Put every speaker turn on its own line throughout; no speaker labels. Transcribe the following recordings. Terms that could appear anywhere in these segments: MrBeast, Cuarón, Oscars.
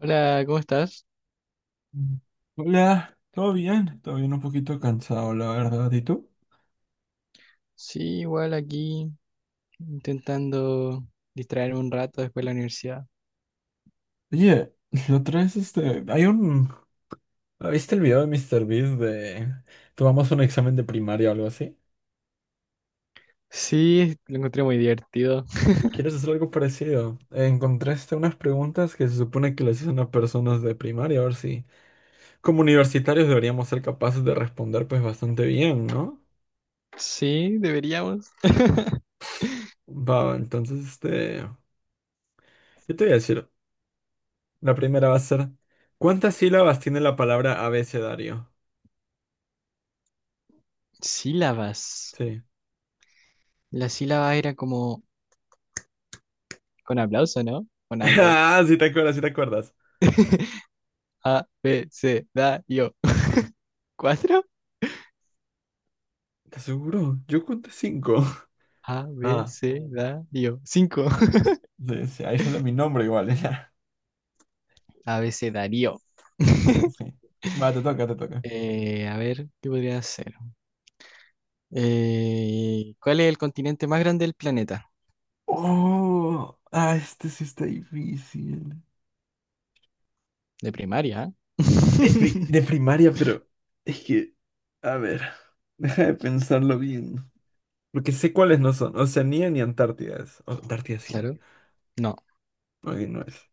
Hola, ¿cómo estás?
Mm. Hola, ¿todo bien? Todo bien, un poquito cansado, la verdad. ¿Y tú?
Sí, igual aquí intentando distraerme un rato después de la universidad.
Oye, la otra vez, ¿Viste el video de MrBeast de... Tomamos un examen de primaria o algo así?
Sí, lo encontré muy divertido.
¿Quieres hacer algo parecido? Encontraste unas preguntas que se supone que les hacen a personas de primaria, a ver si. Como universitarios deberíamos ser capaces de responder pues bastante bien, ¿no?
Sí, deberíamos.
Va, entonces, Yo te voy a decir, la primera va a ser. ¿Cuántas sílabas tiene la palabra abecedario?
Sílabas.
Sí.
La sílaba era como con aplauso, ¿no? O nada que ver.
Ah, sí te acuerdas, sí te acuerdas.
A, B, C, da, yo. ¿Cuatro?
¿Te aseguro? Yo conté cinco.
A, B,
Ah,
C, da, yo. Cinco.
sí, sí, ahí sale mi nombre igual, ya.
A, B, C, darío.
Sí, sí. Va, te toca, te toca.
A ver, ¿qué podría hacer? ¿Cuál es el continente más grande del planeta?
Oh, ah, este sí está difícil.
De primaria.
De, pri-
¿Eh?
de primaria, pero es que, a ver, deja de pensarlo bien. Porque sé cuáles no son, Oceanía ni Antártida es. Antártida sí es.
Claro. No,
No, ahí no es.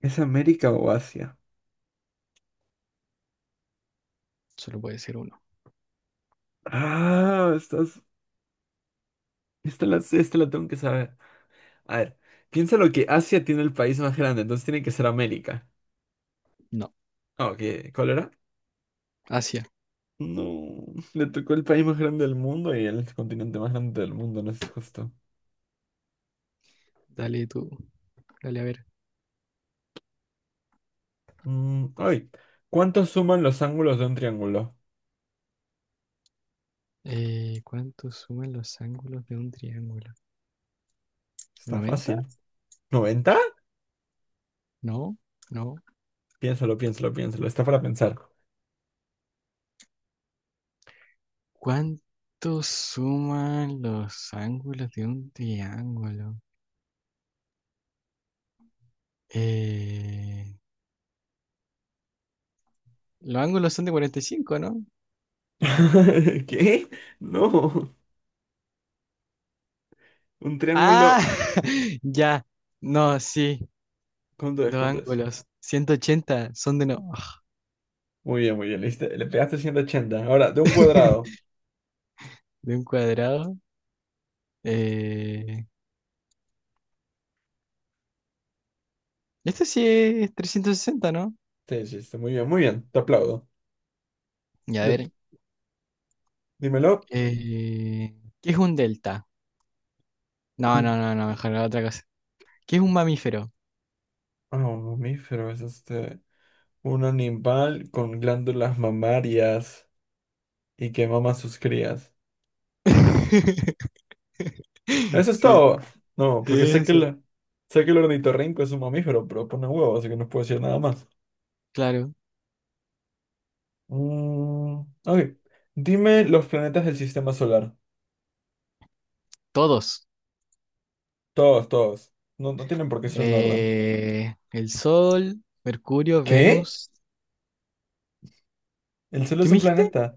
¿Es América o Asia?
solo puede ser uno.
Ah, estás... Esta la tengo que saber. A ver, piensa lo que Asia tiene el país más grande, entonces tiene que ser América.
No.
Ah, ok, ¿cuál era?
Asia,
No, le tocó el país más grande del mundo y el continente más grande del mundo, no es justo.
dale tú. Dale a ver.
Mm, ay, ¿cuántos suman los ángulos de un triángulo?
¿Cuánto suman los ángulos de un triángulo?
Está
¿90?
fácil. ¿90?
No, no.
Piénsalo, piénsalo, piénsalo, está para pensar.
¿Cuánto suman los ángulos de un triángulo? Eh, los ángulos son de 45, ¿no?
¿Qué? No, un
Ah,
triángulo,
ya. No, sí. Los
¿Cuánto es?
ángulos, 180, son de no.
Muy bien, le pegaste 180. Ahora, de un cuadrado.
De un cuadrado. Eh, Este sí es 360, ¿no?
Sí, sí, sí, muy bien, te aplaudo.
Y a
Le-
ver,
dímelo.
eh, ¿qué es un delta? No, no, no, no, mejor la otra cosa. ¿Qué es un mamífero?
Ah, un mamífero es un animal con glándulas mamarias y que mama a sus crías. Eso es
Sí,
todo. No, porque sé que
eso.
sé que el ornitorrinco es un mamífero, pero pone huevo, así que no puedo decir nada más.
Claro,
Mm, ok. Dime los planetas del sistema solar.
todos.
Todos, todos. No, no tienen por qué ser en orden.
El Sol, Mercurio,
¿Qué?
Venus.
¿El Sol
¿Qué
es
me
un
dijiste?
planeta?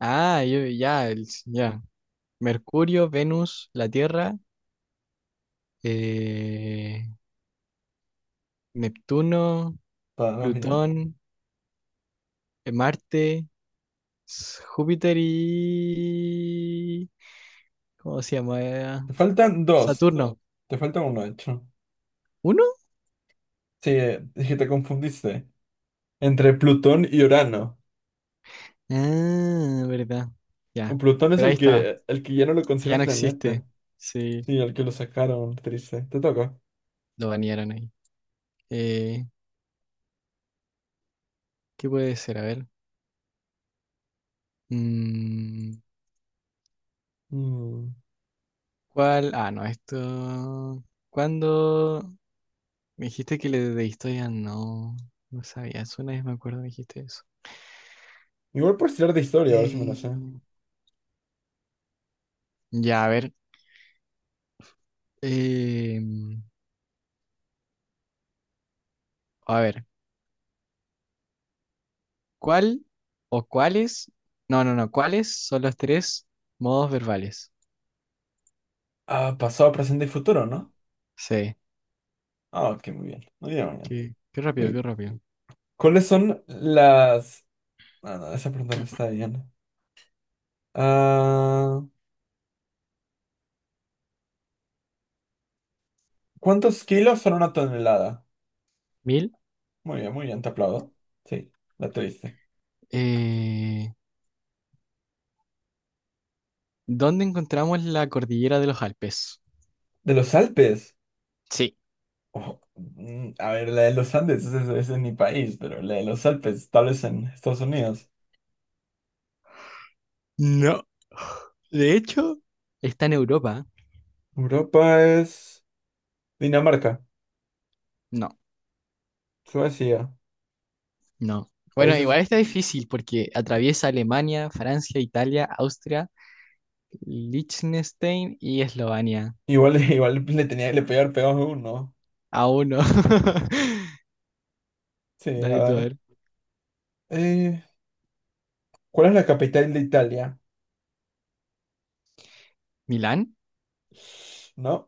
Ah, yo, ya, ya. Mercurio, Venus, la Tierra, eh, Neptuno,
Va, va bien.
Plutón, Marte. Júpiter y... ¿Cómo se llama?
Te
Uno.
faltan dos.
Saturno.
Te falta uno, de hecho.
¿Uno?
Sí, es que te confundiste. Entre Plutón y Urano.
Ah, verdad.
O
Ya.
Plutón es
Pero ahí,
el
ah, está.
que ya no lo
Que ya
consideran
no, sí,
planeta.
existe. Sí,
Sí, el que lo sacaron, triste. Te toca.
lo banearon ahí. Eh, ¿Qué puede ser? A ver. Mm,
Mm.
¿Cuál? Ah, no, esto. ¿Cuándo? Me dijiste que le de historia no. No sabía, una vez me acuerdo me dijiste eso.
Igual puedes tirar de historia, a ver si me lo sé.
Eh, ya, a ver. Eh, a ver. ¿Cuál o cuáles? No, no, no. ¿Cuáles son los tres modos verbales?
Ah, pasado, presente y futuro, ¿no?
Sí.
Ah, ok, muy bien. Muy bien, muy bien.
Qué, qué rápido, qué
Muy
rápido.
¿Cuáles son las... Ah, no, esa pregunta no está bien. Ah, ¿cuántos kilos son una tonelada?
1.000.
Muy bien, te aplaudo. Sí, la tuviste.
eh, ¿Dónde encontramos la cordillera de los Alpes?
¿De los Alpes?
Sí.
Oh, mm, a ver, la de los Andes, ese es mi país, pero la de los Alpes, tal vez en Estados Unidos.
No. De hecho, está en Europa.
Europa es Dinamarca,
No,
Suecia,
no. Bueno,
países
igual está difícil porque atraviesa Alemania, Francia, Italia, Austria, Liechtenstein y Eslovenia.
igual, igual le tenía le pegar pegado a uno.
Aún no.
Sí, a
Dale tú a
ver.
ver.
Eh, ¿cuál es la capital de Italia?
¿Milán?
¿No?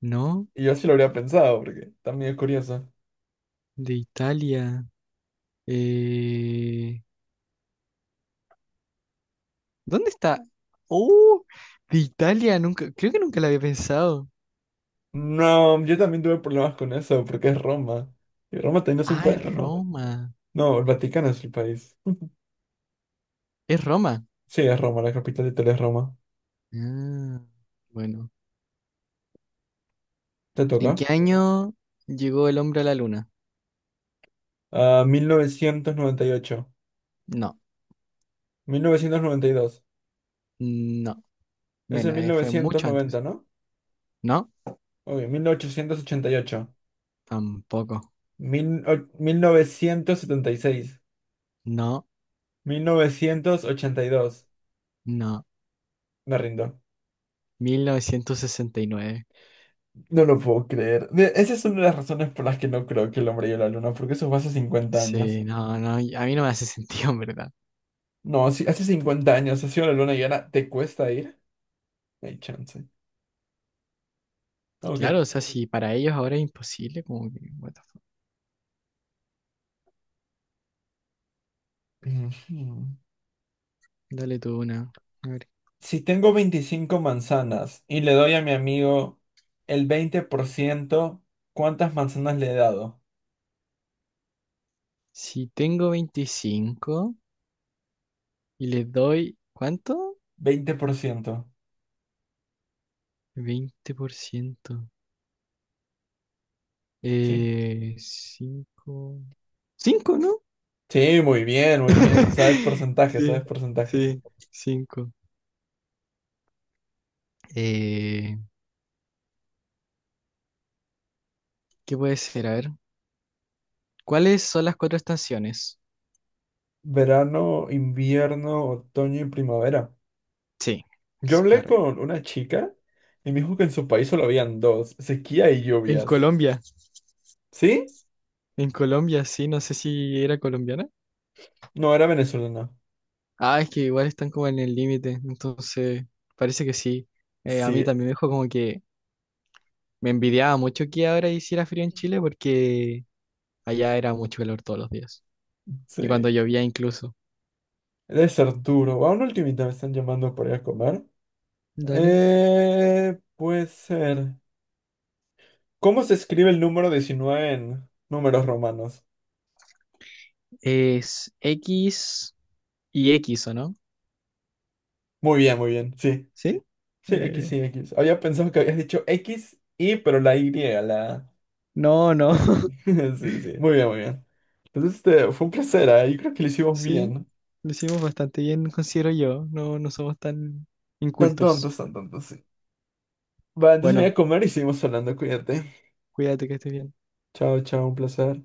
No,
Y yo sí lo habría pensado, porque también es curioso.
de Italia. Eh, ¿Dónde está? ¡Oh! De Italia, nunca, creo que nunca la había pensado.
No, yo también tuve problemas con eso, porque es Roma. ¿Y Roma también es un
Ah,
país o
es
no?
Roma.
No, el Vaticano es el país.
Es Roma.
Sí, es Roma, la capital de Italia es Roma.
Ah, bueno.
¿Te toca?
¿En qué año llegó el hombre a la luna?
Ah, 1998.
No,
1992.
no.
Es el
Menos,
mil
fue
novecientos
mucho
noventa,
antes.
¿no?
No,
Uy, 1888,
tampoco.
1976,
No,
1982.
no.
Me rindo.
1969.
No lo puedo creer. Esa es una de las razones por las que no creo que el hombre llegue a la luna, porque eso fue hace 50 años.
Sí, no, no, y a mí no me hace sentido, en verdad.
No, si hace 50 años ha sido la luna llena, ¿te cuesta ir? No hay chance.
Claro, o
Ok.
sea, si para ellos ahora es imposible, como que, what the fuck.
Ujú.
Dale tú una. A ver.
Si tengo 25 manzanas y le doy a mi amigo el 20%, ¿cuántas manzanas le he dado?
Si tengo 25 y le doy, ¿cuánto?
20%.
20%.
Sí.
Cinco, cinco, ¿no?
Sí, muy bien, muy bien. Sabes porcentajes,
Sí,
sabes porcentajes.
sí, cinco. Eh, ¿Qué puede ser? A ver, ¿cuáles son las cuatro estaciones?
Verano, invierno, otoño y primavera.
Sí,
Yo
es
hablé
correcto.
con una chica y me dijo que en su país solo habían dos, sequía y
En
lluvias.
Colombia,
¿Sí?
en Colombia, sí, no sé si era colombiana.
No, era venezolana.
Ah, es que igual están como en el límite, entonces parece que sí. A mí
Sí,
también me dijo como que me envidiaba mucho que ahora hiciera frío en Chile porque allá era mucho calor todos los días. Y cuando
sí.
llovía incluso.
Debe ser duro. A una ultimita me están llamando por ir a comer.
Dale.
Puede ser. ¿Cómo se escribe el número 19 en números romanos?
Es XX, ¿o no?
Muy bien, sí.
¿Sí? Eh,
Sí, X. Había pensado que habías dicho X, Y, pero la Y,
no, no.
la X. Sí, sí. Muy bien, muy bien. Entonces, fue un placer, ¿eh? Yo creo que lo hicimos
Sí,
bien.
lo hicimos bastante bien, considero yo. No, no somos tan incultos.
Tan tontos, sí. Va, entonces me
Bueno,
voy a comer y seguimos hablando. Cuídate.
cuídate que estés bien.
Chao, chao, un placer.